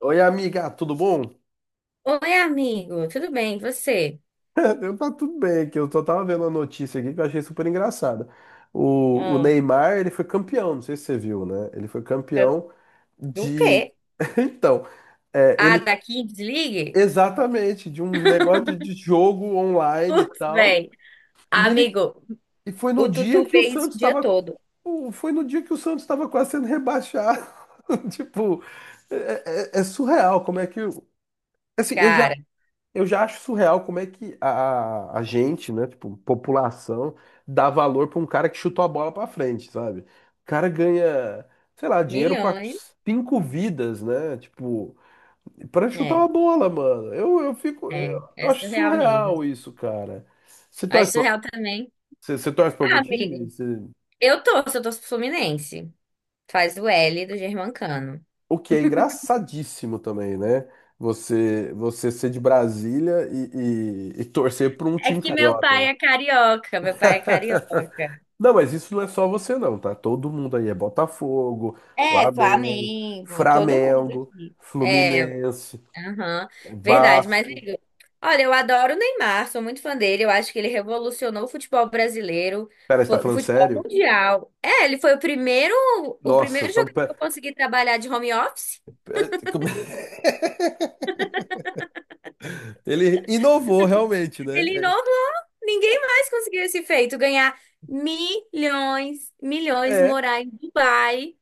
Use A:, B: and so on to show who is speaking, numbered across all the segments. A: Oi, amiga, tudo bom?
B: Oi, amigo, tudo bem? E você?
A: Tá tudo bem aqui. Eu só tava vendo uma notícia aqui que eu achei super engraçada. O
B: Hum,
A: Neymar, ele foi campeão, não sei se você viu, né? Ele foi
B: eu-
A: campeão
B: do
A: de.
B: quê?
A: Então,
B: Ah,
A: ele.
B: daqui, desligue?
A: Exatamente, de um negócio de jogo online e
B: Putz,
A: tal.
B: bem.
A: E ele.
B: Amigo,
A: E foi no
B: o
A: dia
B: Tutu
A: que o
B: vê isso
A: Santos
B: o dia
A: estava.
B: todo.
A: Foi no dia que o Santos estava quase sendo rebaixado. Tipo, é surreal como é que. Assim, eu já.
B: Cara,
A: Eu já acho surreal como é que a gente, né, tipo, população, dá valor pra um cara que chutou a bola pra frente, sabe? O cara ganha, sei lá, dinheiro pra
B: milhões.
A: cinco vidas, né? Tipo, pra chutar
B: É,
A: uma bola, mano. Eu fico, eu,
B: é,
A: eu
B: é
A: acho
B: surreal mesmo.
A: surreal isso, cara. Você
B: Mas
A: torce pra,
B: surreal também.
A: você torce pra
B: Ah,
A: algum time?
B: amigo,
A: Você-
B: eu torço pro Fluminense. Faz o L do Germancano.
A: O que é engraçadíssimo também, né? Você, você ser de Brasília e torcer pra um
B: É
A: time
B: que meu
A: carioca.
B: pai é carioca, meu pai é carioca.
A: Não, mas isso não é só você não, tá? Todo mundo aí é Botafogo,
B: É,
A: Flamengo,
B: Flamengo, todo mundo
A: Flamengo,
B: aqui. É,
A: Fluminense,
B: Aham,
A: é
B: verdade, mas
A: Vasco.
B: Igor, olha, eu adoro o Neymar, sou muito fã dele, eu acho que ele revolucionou o futebol brasileiro,
A: Pera, você tá
B: o
A: falando
B: futebol
A: sério?
B: mundial. É, ele foi o primeiro, o
A: Nossa,
B: primeiro
A: então
B: jogador que
A: pera,
B: eu consegui trabalhar de home office.
A: como- ele inovou realmente, né?
B: Ele inovou, ninguém mais conseguiu esse feito, ganhar milhões, milhões,
A: É, é,
B: morar em Dubai,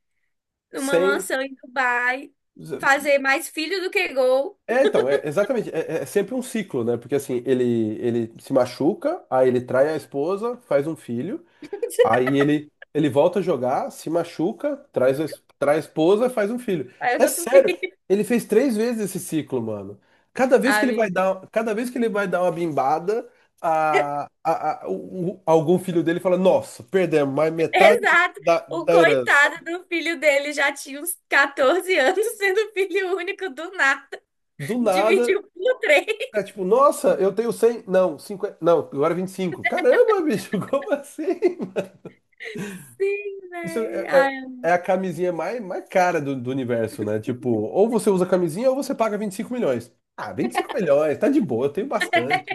B: numa
A: sem.
B: mansão em Dubai, fazer mais filho do que gol.
A: É, então, exatamente, é sempre um ciclo, né? Porque assim, ele se machuca, aí ele trai a esposa, faz um filho. Aí ele volta a jogar, se machuca, traz, traz a esposa, faz um filho.
B: Aí eu
A: É
B: tô tu
A: sério,
B: filho,
A: ele fez três vezes esse ciclo, mano. Cada vez que ele vai dar, cada vez que ele vai dar uma bimbada, algum filho dele fala: Nossa, perdemos mais metade
B: Exato. O
A: da herança.
B: coitado do filho dele já tinha uns 14 anos, sendo filho único do nada.
A: Do nada,
B: Dividiu por três.
A: é tipo: Nossa, eu tenho 100 não, 50 não, agora 25. Caramba, bicho, como assim?
B: Sim,
A: Isso
B: velho.
A: é, é-
B: Ai,
A: é a camisinha mais, mais cara do universo, né? Tipo, ou você usa camisinha ou você paga 25 milhões. Ah, 25 milhões, tá de boa, eu tenho bastante.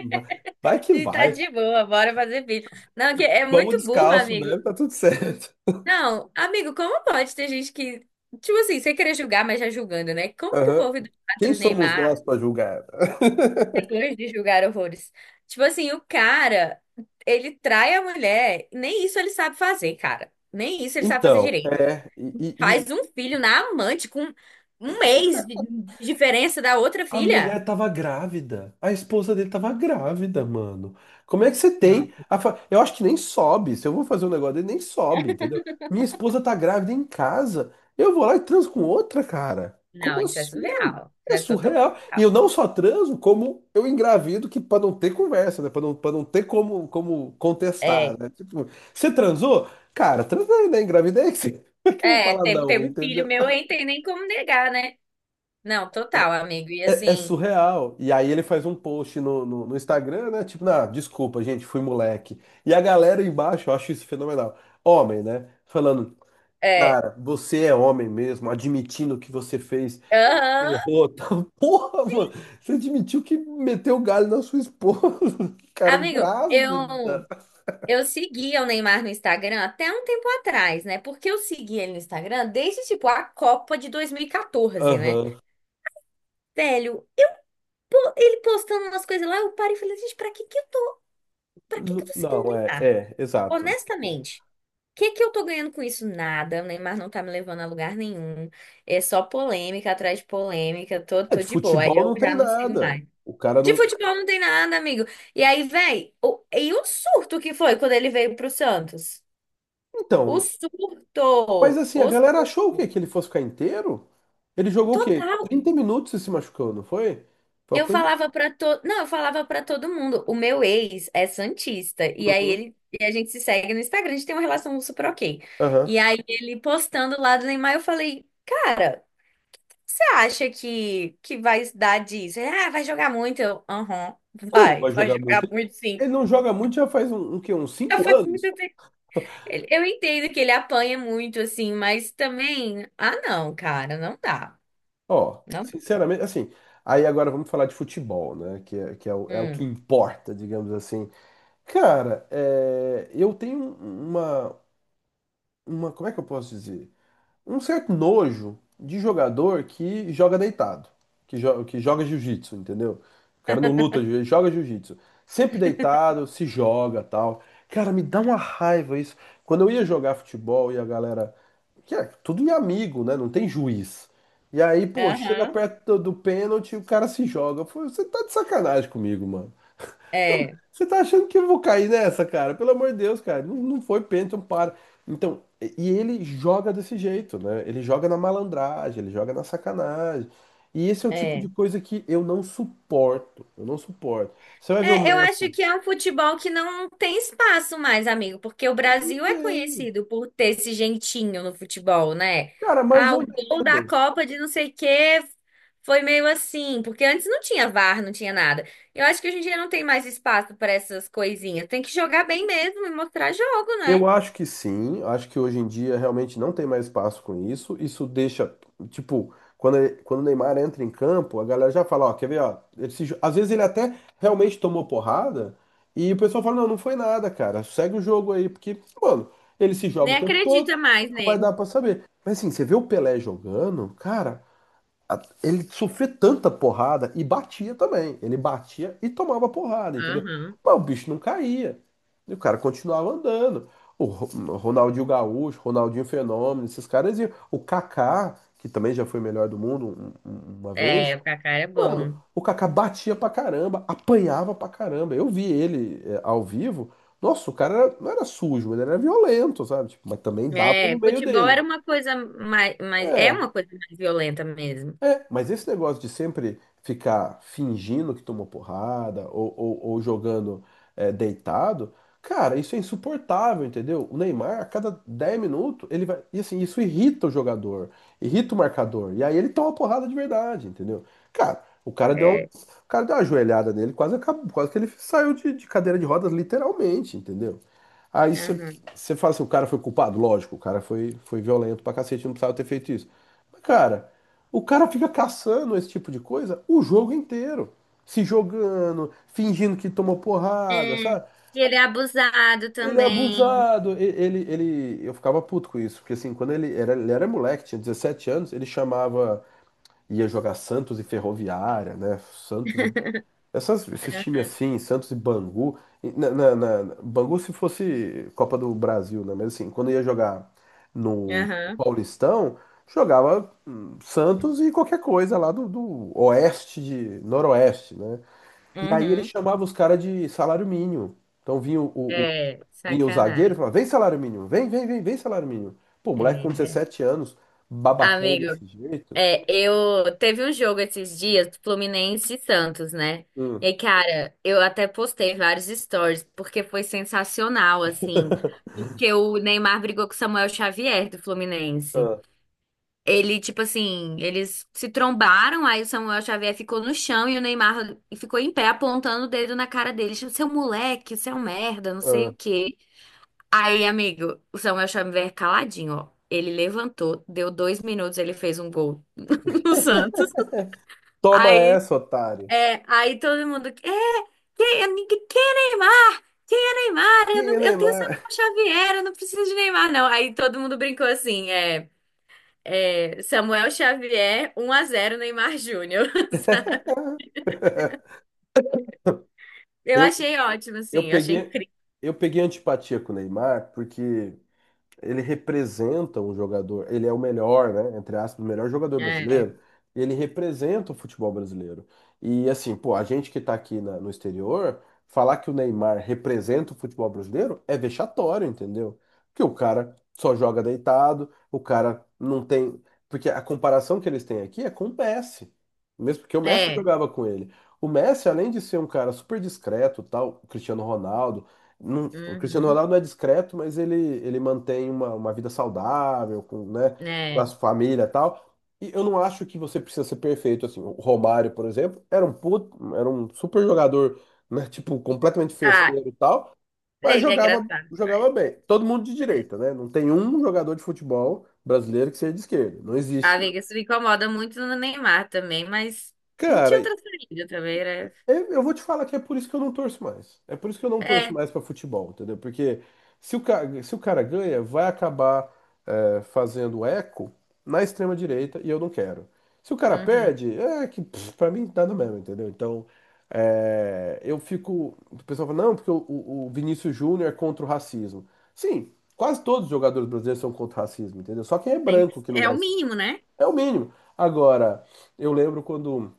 A: Vai que
B: e tá
A: vai.
B: de boa, bora fazer filho. Não, que é
A: Vamos
B: muito burro,
A: descalço
B: amigo.
A: mesmo, tá tudo certo.
B: Não, amigo, como pode ter gente que. Tipo assim, sem querer julgar, mas já julgando, né? Como que o
A: Aham.
B: povo
A: Quem
B: idolatra o
A: somos nós
B: Neymar
A: pra julgar?
B: depois de julgar horrores? Tipo assim, o cara, ele trai a mulher, nem isso ele sabe fazer, cara. Nem isso ele sabe fazer
A: Então,
B: direito.
A: é.
B: Faz um filho na amante com um mês de diferença da outra
A: A
B: filha.
A: mulher tava grávida. A esposa dele tava grávida, mano. Como é que você
B: Não,
A: tem? Eu acho que nem sobe. Se eu vou fazer um negócio dele, nem sobe, entendeu? Minha esposa tá grávida em casa. Eu vou lá e transo com outra, cara.
B: não,
A: Como
B: isso é
A: assim?
B: surreal. Isso
A: É
B: é totalmente
A: surreal. E
B: surreal.
A: eu não só transo, como eu engravido, que pra não ter conversa, né? Pra não ter como, como contestar,
B: É,
A: né? Tipo, você transou? Cara, transei, né? Engravidei. Como é que eu vou
B: é,
A: falar
B: teve,
A: não,
B: teve um filho
A: entendeu?
B: meu aí, tem nem como negar, né? Não, total, amigo. E
A: É
B: assim,
A: surreal. E aí ele faz um post no Instagram, né? Tipo, ah, desculpa, gente, fui moleque. E a galera embaixo, eu acho isso fenomenal. Homem, né? Falando,
B: é,
A: cara, você é homem mesmo, admitindo que você fez,
B: aham.
A: errou, tal. Porra, mano, você admitiu que meteu o galho na sua esposa, cara,
B: Amigo,
A: grávida.
B: eu seguia o Neymar no Instagram até um tempo atrás, né? Porque eu seguia ele no Instagram desde, tipo, a Copa de 2014, né?
A: Aham.
B: Velho, ele postando umas coisas lá, eu parei e falei, gente, pra que que eu tô seguindo o
A: Não,
B: Neymar?
A: exato.
B: Honestamente, o que que eu tô ganhando com isso? Nada. O Neymar não tá me levando a lugar nenhum. É só polêmica atrás de polêmica. Tô,
A: É,
B: tô
A: de
B: de boa. Aí
A: futebol
B: eu
A: não tem
B: já não sigo
A: nada.
B: mais.
A: O cara
B: De
A: não.
B: futebol não tem nada, amigo. E aí, véi, e o surto que foi quando ele veio pro Santos? O
A: Então, mas
B: surto!
A: assim, a
B: O
A: galera
B: surto
A: achou o quê? Que ele fosse ficar inteiro? Ele jogou o quê?
B: total.
A: 30 minutos e se machucou, não foi? Foi uma
B: Eu
A: coisa.
B: falava pra todo, não, eu falava pra todo mundo. O meu ex é santista e aí
A: Uhum.
B: ele e a gente se segue no Instagram, a gente tem uma relação super ok.
A: Aham.
B: E aí ele postando lá do Neymar, eu falei: "Cara, você acha que vai dar disso?" Ele, ah, vai jogar muito. Eu, aham,
A: Como
B: vai,
A: vai
B: vai
A: jogar muito?
B: jogar
A: Ele
B: muito sim.
A: ele não joga muito já faz um, um quê? uns
B: Eu
A: cinco
B: faço
A: anos?
B: muito tempo. Eu entendo que ele apanha muito assim, mas também, ah, não, cara, não dá.
A: Ó,
B: Não.
A: sinceramente, assim. Aí agora vamos falar de futebol, né? Que é, o, é o que
B: Hum.
A: importa, digamos assim. Cara, é, eu tenho uma, uma. Como é que eu posso dizer? Um certo nojo de jogador que joga deitado, que joga jiu-jitsu, entendeu? O cara não luta, ele joga jiu-jitsu. Sempre deitado, se joga, tal. Cara, me dá uma raiva isso. Quando eu ia jogar futebol e a galera, que é tudo em amigo, né? Não tem juiz. E aí, pô, chega
B: Aham.
A: perto do pênalti, e o cara se joga. Eu falei, você tá de sacanagem comigo, mano.
B: É,
A: Você tá achando que eu vou cair nessa, cara? Pelo amor de Deus, cara. Não, não foi pênalti, não para. Então, e ele joga desse jeito, né? Ele joga na malandragem, ele joga na sacanagem. E esse é o tipo de
B: é.
A: coisa que eu não suporto. Eu não suporto. Você vai ver o
B: É, eu acho
A: Messi?
B: que é um futebol que não tem espaço mais, amigo, porque o
A: Não
B: Brasil é
A: tem.
B: conhecido por ter esse jeitinho no futebol, né?
A: Cara, mais
B: Ah, o
A: ou
B: gol da
A: menos.
B: Copa de não sei o quê foi meio assim, porque antes não tinha VAR, não tinha nada. Eu acho que hoje em dia não tem mais espaço para essas coisinhas. Tem que jogar bem mesmo e mostrar jogo, né?
A: Eu acho que sim, acho que hoje em dia realmente não tem mais espaço com isso. Isso deixa, tipo, quando, quando o Neymar entra em campo, a galera já fala, ó, quer ver, ó, ele se jo- às vezes ele até realmente tomou porrada e o pessoal fala, não, não foi nada, cara, segue o jogo aí, porque, mano, ele se joga
B: Nem
A: o tempo todo,
B: acredita mais
A: não vai
B: nele.
A: dar pra saber. Mas assim, você vê o Pelé jogando, cara, ele sofria tanta porrada e batia também. Ele batia e tomava porrada, entendeu?
B: Aham.
A: Mas o bicho não caía. E o cara continuava andando. O Ro- Ronaldinho Gaúcho, Ronaldinho Fenômeno, esses caras iam. O Kaká, que também já foi melhor do mundo uma vez.
B: É, o Kaká é
A: Mano,
B: bom.
A: o Kaká batia pra caramba, apanhava pra caramba. Eu vi ele ao vivo. Nossa, não era sujo, ele era violento, sabe? Tipo, mas também dava no
B: É,
A: meio
B: futebol era
A: dele.
B: uma coisa mais, mais, é
A: É.
B: uma coisa mais violenta mesmo.
A: É, mas esse negócio de sempre ficar fingindo que tomou porrada ou jogando deitado, cara, isso é insuportável, entendeu? O Neymar, a cada 10 minutos, ele vai. E assim, isso irrita o jogador, irrita o marcador. E aí ele toma porrada de verdade, entendeu? Cara,
B: É.
A: o cara deu uma ajoelhada nele, quase, acabou, quase que ele saiu de cadeira de rodas, literalmente, entendeu? Aí você
B: Aham.
A: você fala assim, o cara foi culpado? Lógico, foi violento pra cacete, não precisava ter feito isso. Mas, cara. O cara fica caçando esse tipo de coisa o jogo inteiro. Se jogando, fingindo que tomou
B: É,
A: porrada,
B: e
A: sabe?
B: ele é abusado
A: Ele é
B: também.
A: abusado. Eu ficava puto com isso, porque assim, quando ele era moleque, tinha 17 anos, ele chamava, ia jogar Santos e Ferroviária, né? Santos e esses times assim, Santos e Bangu, e Bangu se fosse Copa do Brasil, né? Mas assim, quando ia jogar no
B: Aham,
A: Paulistão, jogava Santos e qualquer coisa lá do oeste de noroeste, né? E aí ele
B: uhum.
A: chamava os caras de salário mínimo. Então vinha
B: É,
A: vinha o zagueiro e
B: sacanagem.
A: falava, vem salário mínimo, vem, vem, vem, vem salário mínimo. Pô, moleque com
B: É, né?
A: 17 anos, babacão
B: Amigo,
A: desse jeito.
B: é, eu teve um jogo esses dias, Fluminense e Santos, né?
A: Hum,
B: E, cara, eu até postei vários stories, porque foi sensacional, assim. Porque o Neymar brigou com o Samuel Xavier do Fluminense.
A: ah,
B: Ele, tipo assim, eles se trombaram, aí o Samuel Xavier ficou no chão e o Neymar ficou em pé apontando o dedo na cara dele, tipo, seu moleque, seu merda, não sei
A: ah.
B: o quê. Aí, amigo, o Samuel Xavier caladinho, ó. Ele levantou, deu 2 minutos, ele fez um gol no Santos.
A: Toma
B: Aí,
A: essa, otário.
B: é, aí todo mundo, é, quem, é quem é Neymar? Quem é Neymar?
A: E
B: Eu,
A: aí,
B: não, eu tenho Samuel
A: Neymar?
B: Xavier, eu não preciso de Neymar, não. Aí todo mundo brincou assim, é. É, Samuel Xavier, 1-0 Neymar Júnior. Sabe? Eu
A: Eu,
B: achei ótimo,
A: eu
B: assim, eu achei
A: peguei,
B: incrível.
A: eu peguei antipatia com o Neymar porque ele representa um jogador, ele é o melhor, né, entre aspas, o melhor jogador
B: É,
A: brasileiro, e ele representa o futebol brasileiro. E assim, pô, a gente que tá aqui no exterior, falar que o Neymar representa o futebol brasileiro é vexatório, entendeu? Porque o cara só joga deitado, o cara não tem, porque a comparação que eles têm aqui é com o Messi. Mesmo porque o Messi
B: é,
A: jogava com ele. O Messi, além de ser um cara super discreto, tal, o Cristiano Ronaldo o Cristiano
B: uhum,
A: Ronaldo não é discreto, mas ele mantém uma vida saudável, com, né, com a
B: é.
A: sua família e tal. E eu não acho que você precisa ser perfeito assim. O Romário, por exemplo, era um puto, era um super jogador, né, tipo, completamente
B: Ah,
A: festeiro e tal, mas
B: ele é
A: jogava,
B: engraçado.
A: jogava bem. Todo mundo de direita, né? Não tem um jogador de futebol brasileiro que seja de esquerda. Não
B: Ah,
A: existe.
B: amiga, isso me incomoda muito no Neymar também, mas não
A: Cara,
B: tinha outra saída também, era...
A: eu vou te falar que é por isso que eu não torço mais. É por isso que eu não torço
B: É,
A: mais pra futebol, entendeu? Porque se o cara ganha, vai acabar fazendo eco na extrema direita e eu não quero. Se o cara
B: uhum.
A: perde, é que pff, pra mim nada mesmo, entendeu? Então eu fico. O pessoal fala, não, porque o Vinícius Júnior é contra o racismo. Sim, quase todos os jogadores brasileiros são contra o racismo, entendeu? Só quem é branco que não
B: É o
A: vai ser.
B: mínimo, né?
A: É o mínimo. Agora, eu lembro quando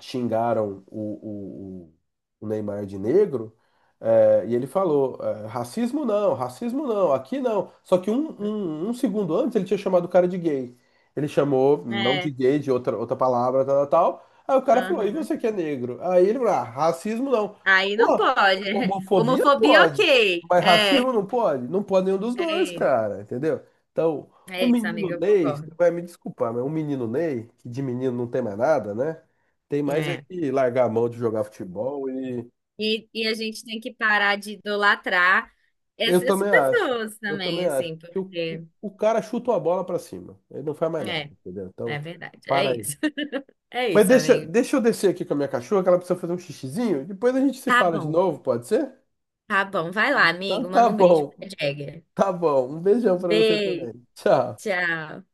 A: xingaram o Neymar de negro, e ele falou: é, racismo não, aqui não. Só que um segundo antes ele tinha chamado o cara de gay. Ele chamou, não de
B: É,
A: gay, de outra, outra palavra, tal, tal, tal. Aí o cara falou: e
B: uhum.
A: você que é negro? Aí ele falou: ah, racismo não.
B: Aí não pode.
A: Homofobia
B: Homofobia,
A: pode,
B: ok.
A: mas
B: É,
A: racismo não pode? Não pode nenhum dos dois,
B: é isso,
A: cara, entendeu? Então, um
B: é isso,
A: menino
B: amiga, eu
A: Ney, você
B: concordo.
A: vai me desculpar, mas um menino Ney, que de menino não tem mais nada, né? Tem mais é
B: É.
A: que largar a mão de jogar futebol e.
B: E a gente tem que parar de idolatrar
A: Eu
B: essas
A: também acho,
B: pessoas
A: eu
B: também,
A: também acho.
B: assim,
A: Que
B: porque.
A: o cara chuta uma bola pra cima, ele não faz mais nada,
B: É,
A: entendeu?
B: é
A: Então,
B: verdade. É
A: para aí.
B: isso. É
A: Mas
B: isso,
A: deixa,
B: amigo.
A: deixa eu descer aqui com a minha cachorra, que ela precisa fazer um xixizinho, depois a gente se
B: Tá
A: fala de
B: bom,
A: novo, pode ser?
B: tá bom. Vai lá,
A: Então,
B: amigo.
A: tá
B: Manda um beijo pra
A: bom.
B: Jagger.
A: Tá bom, um beijão pra você
B: Beijo,
A: também. Tchau.
B: tchau.